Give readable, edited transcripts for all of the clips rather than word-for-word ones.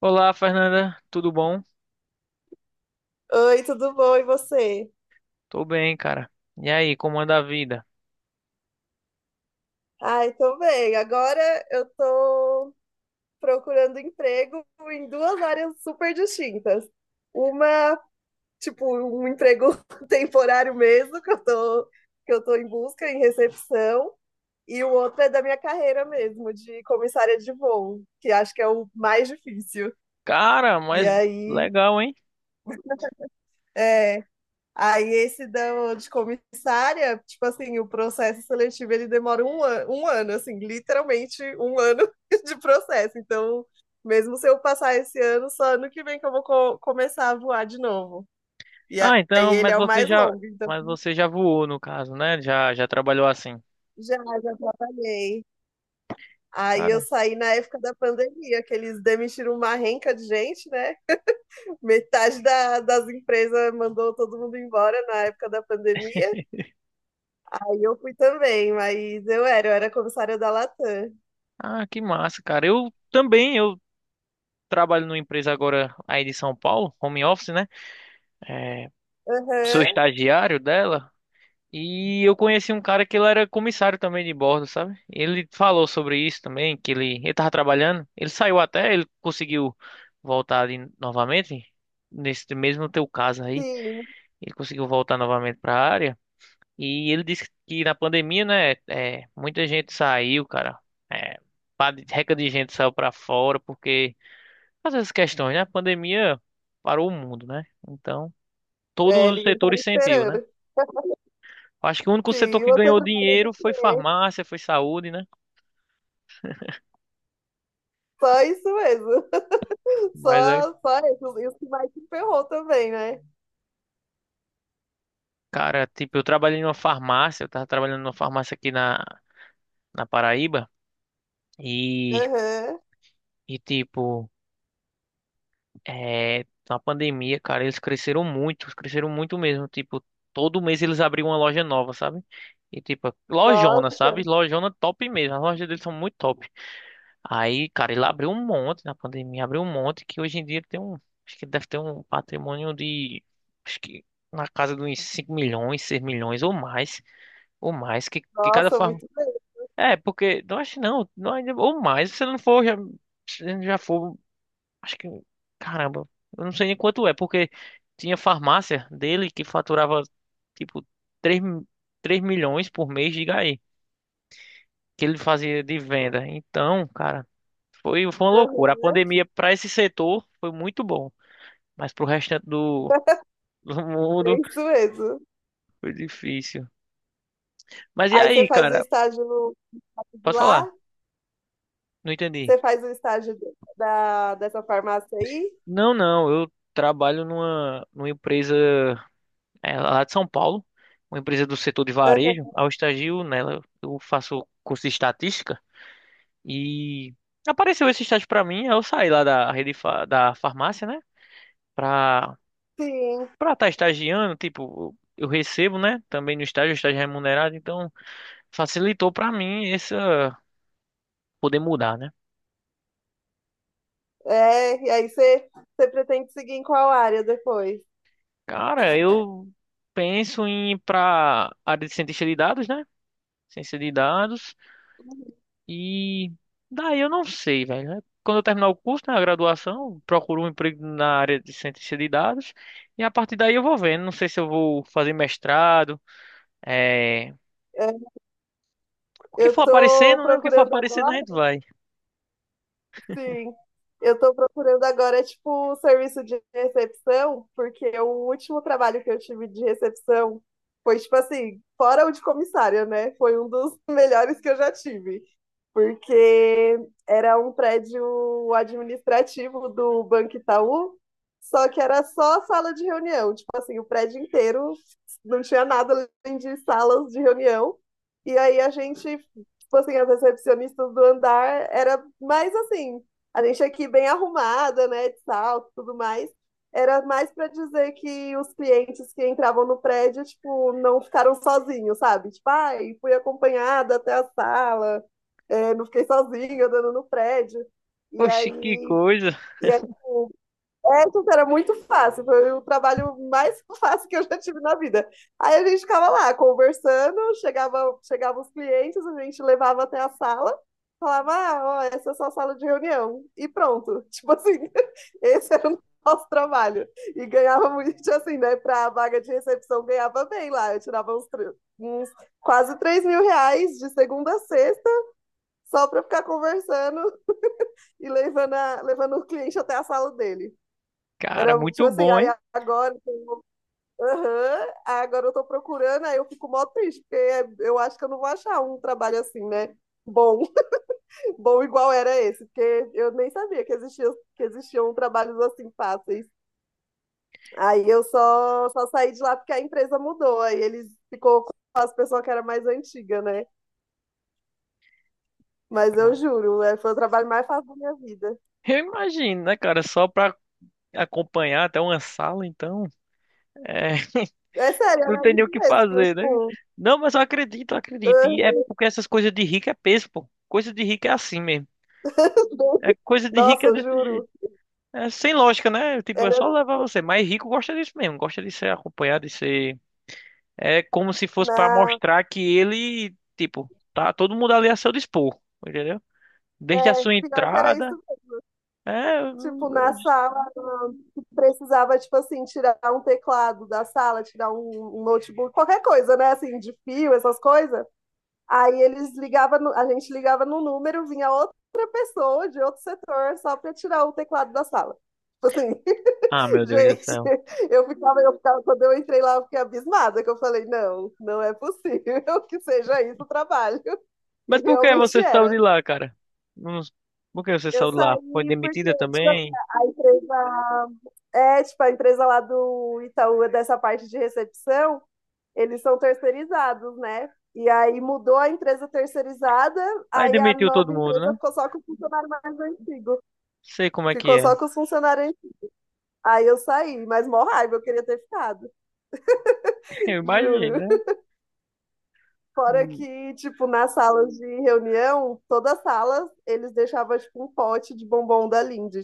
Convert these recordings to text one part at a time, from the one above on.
Olá, Fernanda, tudo bom? Oi, tudo bom? E você? Tô bem, cara. E aí, como anda a vida? Ai, tô bem. Agora eu tô procurando emprego em duas áreas super distintas. Uma, tipo, um emprego temporário mesmo, que eu tô em busca, em recepção, e o outro é da minha carreira mesmo, de comissária de voo, que acho que é o mais difícil. Cara, E mas aí, legal, hein? é. Aí esse da de comissária, tipo assim, o processo seletivo ele demora um ano, assim, literalmente um ano de processo. Então, mesmo se eu passar esse ano, só ano que vem que eu vou começar a voar de novo. E Ah, aí então, ele é o mais longo, então mas você já voou no caso, né? Já trabalhou assim. Já trabalhei. Aí eu Cara, saí na época da pandemia, que eles demitiram uma renca de gente, né? Metade das empresas mandou todo mundo embora na época da pandemia. Aí eu fui também, eu era comissária da Latam. ah, que massa, cara. Eu também, eu trabalho numa empresa agora aí de São Paulo, home office, né? É, sou Aham, estagiário dela. E eu conheci um cara que ele era comissário também de bordo, sabe? Ele falou sobre isso também, que ele tava trabalhando, ele saiu até, ele conseguiu voltar ali novamente, nesse mesmo teu caso aí, sim. ele conseguiu voltar novamente para a área, e ele disse que na pandemia, né, é, muita gente saiu, cara, é, pá reca de gente saiu para fora, porque, às essas questões, né, a pandemia parou o mundo, né, então todos É, os ninguém tá setores sentiu, né? esperando. Acho que o único setor Sim, e que você ganhou trabalhou do dinheiro foi quê? farmácia, foi saúde, né? Só isso mesmo. Mas é, só isso. Isso que mais te ferrou também, né? cara, tipo, eu trabalhei numa farmácia, eu tava trabalhando numa farmácia aqui na Paraíba e, Aham. e tipo, é, na pandemia, cara, eles cresceram muito mesmo, tipo, todo mês eles abriam uma loja nova, sabe? E tipo, lojona, sabe? Nossa, Lojona top mesmo, as lojas deles são muito top. Aí, cara, ele abriu um monte na pandemia, abriu um monte que hoje em dia ele tem um, acho que ele deve ter um patrimônio de, acho que na casa dos 5 milhões, 6 milhões ou mais, que, cada nossa, farm. muito bem. É, porque, não acho não, não, ou mais, se não for, já, se já for, acho que, caramba, eu não sei nem quanto é, porque tinha farmácia dele que faturava, tipo, 3 3 milhões por mês, diga aí, que ele fazia de venda. Então, cara. Foi uma loucura. A Aham. pandemia para esse setor foi muito bom, mas para o restante do, do É mundo isso mesmo. foi difícil. Mas e Aí você aí, faz o cara? estágio no, Pode falar? lá, Não entendi. você faz o estágio dessa farmácia aí? Não, não. Eu trabalho numa empresa é, lá de São Paulo, uma empresa do setor de varejo. Aham. Ao estagio nela, eu faço curso de estatística e apareceu esse estágio para mim. Eu saí lá da rede da farmácia, né? Para Sim. Para estar estagiando, tipo, eu recebo, né? Também no estágio, estágio é remunerado, então facilitou pra mim essa poder mudar, né? É, e aí você, você pretende seguir em qual área depois? Cara, eu penso em ir pra área de cientista de dados, né? Ciência de dados. E daí eu não sei, velho. Né? Quando eu terminar o curso, né, a graduação, eu procuro um emprego na área de cientista de dados e a partir daí eu vou vendo. Não sei se eu vou fazer mestrado, é... É, o que eu for tô aparecendo, né? O que for procurando aparecendo a agora. gente vai. Sim, eu tô procurando agora, é, tipo, serviço de recepção, porque o último trabalho que eu tive de recepção foi, tipo assim, fora o de comissária, né? Foi um dos melhores que eu já tive, porque era um prédio administrativo do Banco Itaú, só que era só sala de reunião, tipo assim, o prédio inteiro não tinha nada além de salas de reunião, e aí a gente, tipo assim, as recepcionistas do andar era mais assim, a gente aqui bem arrumada, né, de salto, tudo mais. Era mais para dizer que os clientes que entravam no prédio, tipo, não ficaram sozinhos, sabe? Tipo, ai, fui acompanhada até a sala, é, não fiquei sozinha andando no prédio. E Oxe, que aí, coisa, e essa era muito fácil, foi o trabalho mais fácil que eu já tive na vida. Aí a gente ficava lá conversando, chegava os clientes, a gente levava até a sala, falava, ah, ó, essa é a sua sala de reunião, e pronto. Tipo assim, esse era o nosso trabalho. E ganhava muito, assim, né, para a vaga de recepção, ganhava bem lá, eu tirava uns quase 3.000 reais de segunda a sexta, só para ficar conversando e levando, levando o cliente até a sala dele. cara, Era tipo muito assim, bom, aí hein? agora, aham, aí agora eu tô procurando, aí eu fico mó triste, porque eu acho que eu não vou achar um trabalho assim, né? Bom, bom igual era esse, porque eu nem sabia que existia, que existiam trabalhos assim fáceis. Aí só saí de lá porque a empresa mudou, aí eles ficou com as pessoas que era mais antiga, né? Mas eu juro, é, foi o trabalho mais fácil da minha vida. Eu imagino, né, cara? Só pra acompanhar até uma sala, então. É, É sério, não era tem isso nem o que mesmo. fazer, né? Tipo, Não, mas eu acredito, eu acredito. aham. E é porque essas coisas de rico é peso, pô. Coisa de rico é assim mesmo. É, coisa de rico Nossa, é eu desse jeito. juro. É sem lógica, né? Tipo, é Era, só levar você. Mas rico gosta disso mesmo, gosta de ser acompanhado, de ser. É como se fosse pra não, mostrar que ele, tipo, tá todo mundo ali a seu dispor, entendeu? Desde a sua pior que era isso, entrada. É. tipo, na sala, tu precisava, tipo assim, tirar um teclado da sala, tirar um notebook, qualquer coisa, né, assim, de fio, essas coisas. Aí eles ligavam, a gente ligava no número, vinha outra pessoa de outro setor só pra tirar o teclado da sala. Tipo assim, Ah, meu Deus do gente, céu. Eu ficava, quando eu entrei lá, eu fiquei abismada, que eu falei, não, não é possível que seja isso o trabalho. E Mas por que realmente você saiu de era. lá, cara? Não- Por que você Eu saiu de lá? Foi saí porque, demitida tipo, também? a empresa. É, tipo, a empresa lá do Itaú, dessa parte de recepção, eles são terceirizados, né? E aí mudou a empresa terceirizada, Aí aí a demitiu todo nova mundo, empresa né? ficou só com o funcionário mais antigo. Sei como é que Ficou é. só com os funcionários antigos. Aí eu saí, mas mó raiva, eu queria ter ficado, Eu imagino, juro. né? Fora Hum, que, tipo, nas salas de reunião, todas as salas, eles deixavam, tipo, um pote de bombom da Lindt.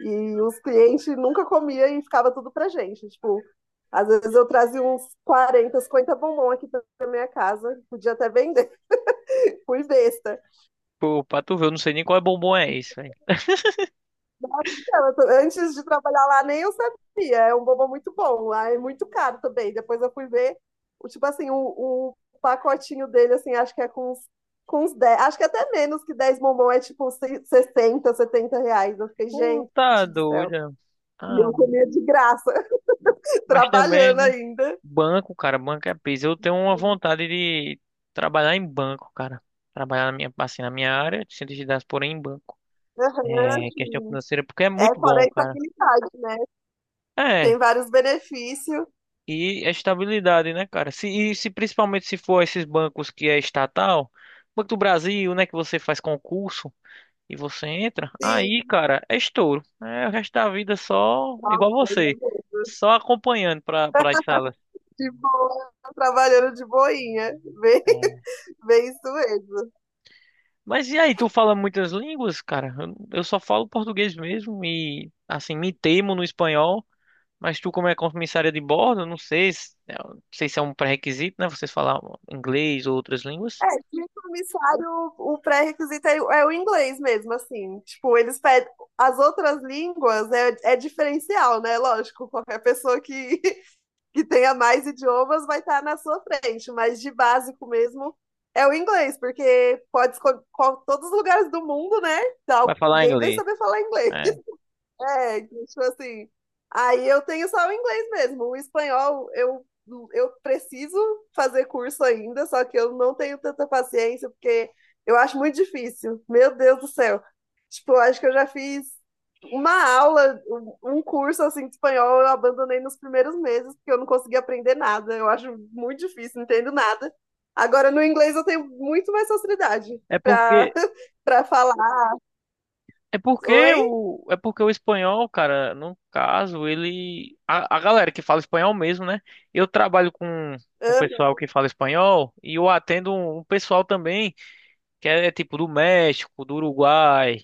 E os clientes nunca comia e ficava tudo pra gente. Tipo, às vezes eu trazia uns 40, 50 bombom aqui pra minha casa, podia até vender, fui besta. pô, pra tu ver, eu não sei nem qual é bombom é isso, velho. Antes de trabalhar lá, nem eu sabia, é um bombom muito bom, lá é muito caro também. Depois eu fui ver, o, tipo assim, o pacotinho dele, assim, acho que é com uns 10, acho que até menos que 10 bombom, é tipo 60, 70 reais. Eu fiquei, gente Puta do céu. doida. E Ah, eu comia de graça, mas também, trabalhando né? ainda. Banco, cara, banco é peso. Eu tenho uma vontade de trabalhar em banco, cara. Trabalhar na minha, assim, na minha área, de cientista de dados, porém em banco. Aham, É, questão sim. financeira, porque é É, muito fora a bom, cara. estabilidade, né? É, Tem vários benefícios. e a estabilidade, né, cara? Se, e se principalmente se for esses bancos que é estatal, Banco do Brasil, né, que você faz concurso. E você entra, aí, Sim. cara, é estouro. É o resto da vida é só Nossa, igual eu já você, vi. só acompanhando para as salas. De boa, trabalhando de boinha. Bem, bem isso mesmo. Mas e aí, tu fala muitas línguas, cara? Eu só falo português mesmo e, assim, me temo no espanhol. Mas tu, como é comissária de bordo, não sei se, eu não sei se é um pré-requisito, né? Vocês falar inglês ou outras línguas. É, de comissário, o pré-requisito é, é o inglês mesmo, assim. Tipo, eles pedem. As outras línguas é, é diferencial, né? Lógico, qualquer pessoa que que tenha mais idiomas vai estar na sua frente, mas de básico mesmo é o inglês, porque pode escolher todos os lugares do mundo, né? Vai falar Alguém vai inglês. saber falar inglês. É, É, então, tipo assim. Aí eu tenho só o inglês mesmo. O espanhol eu preciso fazer curso ainda, só que eu não tenho tanta paciência, porque eu acho muito difícil. Meu Deus do céu. Tipo, eu acho que eu já fiz uma aula, um curso assim de espanhol, eu abandonei nos primeiros meses, porque eu não consegui aprender nada. Eu acho muito difícil, não entendo nada. Agora, no inglês, eu tenho muito mais facilidade é porque para para falar. É porque Oi? o, é porque o espanhol, cara, no caso, ele. A galera que fala espanhol mesmo, né? Eu trabalho com o pessoal Aham. que fala espanhol e eu atendo um pessoal também que é, é tipo do México, do Uruguai,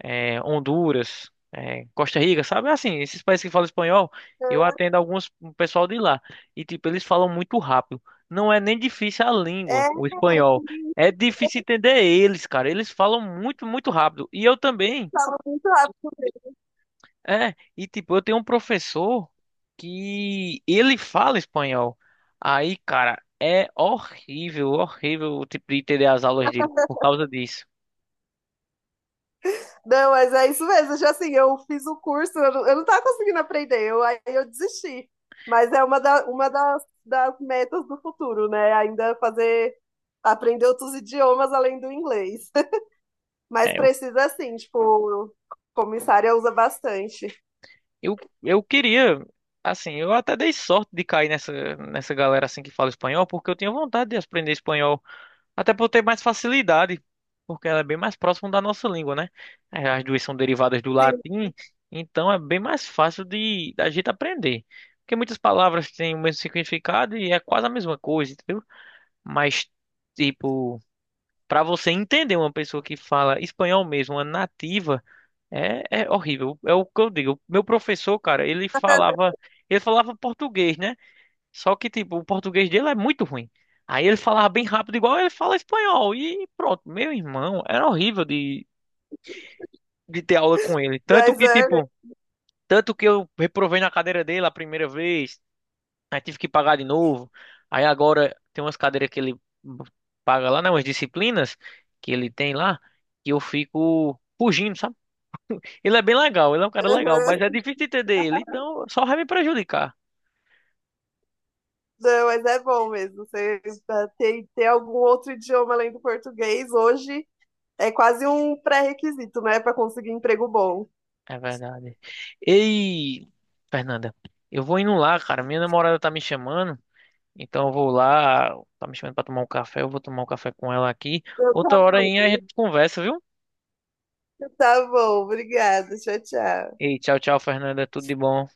é, Honduras, é, Costa Rica, sabe? Assim, esses países que falam espanhol, eu atendo alguns um pessoal de lá. E, tipo, eles falam muito rápido. Não é nem difícil a língua, É, o espanhol. É difícil entender eles, cara. Eles falam muito, muito rápido. E eu também. fala muito rápido. É, e tipo, eu tenho um professor que ele fala espanhol. Aí, cara, é horrível, horrível, tipo, de entender as aulas dele por causa disso. Não, mas é isso mesmo. Já assim, eu fiz o curso, eu não tava conseguindo aprender, eu, aí eu desisti. Mas é uma, uma das metas do futuro, né? Ainda fazer, aprender outros idiomas além do inglês. Mas É, eu, precisa assim, tipo, comissária usa bastante. Eu queria, assim, eu até dei sorte de cair nessa galera assim que fala espanhol, porque eu tinha vontade de aprender espanhol. Até por ter mais facilidade, porque ela é bem mais próxima da nossa língua, né? É, as duas são derivadas do Sim, latim, então é bem mais fácil de da gente aprender. Porque muitas palavras têm o mesmo significado e é quase a mesma coisa, entendeu? Mas, tipo, para você entender uma pessoa que fala espanhol mesmo, uma nativa, é, é horrível. É o que eu digo. Meu professor, cara, ele falava português, né? Só que, tipo, o português dele é muito ruim. Aí ele falava bem rápido, igual ele fala espanhol. E pronto, meu irmão, era horrível de ter aula com ele. Tanto mas que, é, tipo, tanto que eu reprovei na cadeira dele a primeira vez, aí tive que pagar de novo. Aí agora tem umas cadeiras que ele paga lá, né? Umas disciplinas que ele tem lá, que eu fico fugindo, sabe? Ele é bem legal, ele é um cara legal, mas é aham. difícil entender ele, então só vai me prejudicar. Não, mas é bom mesmo. Você ter algum outro idioma além do português hoje é quase um pré-requisito, né, para conseguir emprego bom. É verdade. Ei, Fernanda, eu vou indo lá, cara. Minha namorada tá me chamando, então eu vou lá. Tá me chamando pra tomar um café. Eu vou tomar um café com ela aqui. Então, Outra hora aí a gente conversa, viu? tá bom, obrigada, tchau, tchau. Ei, tchau, tchau, Fernanda. Tudo de bom.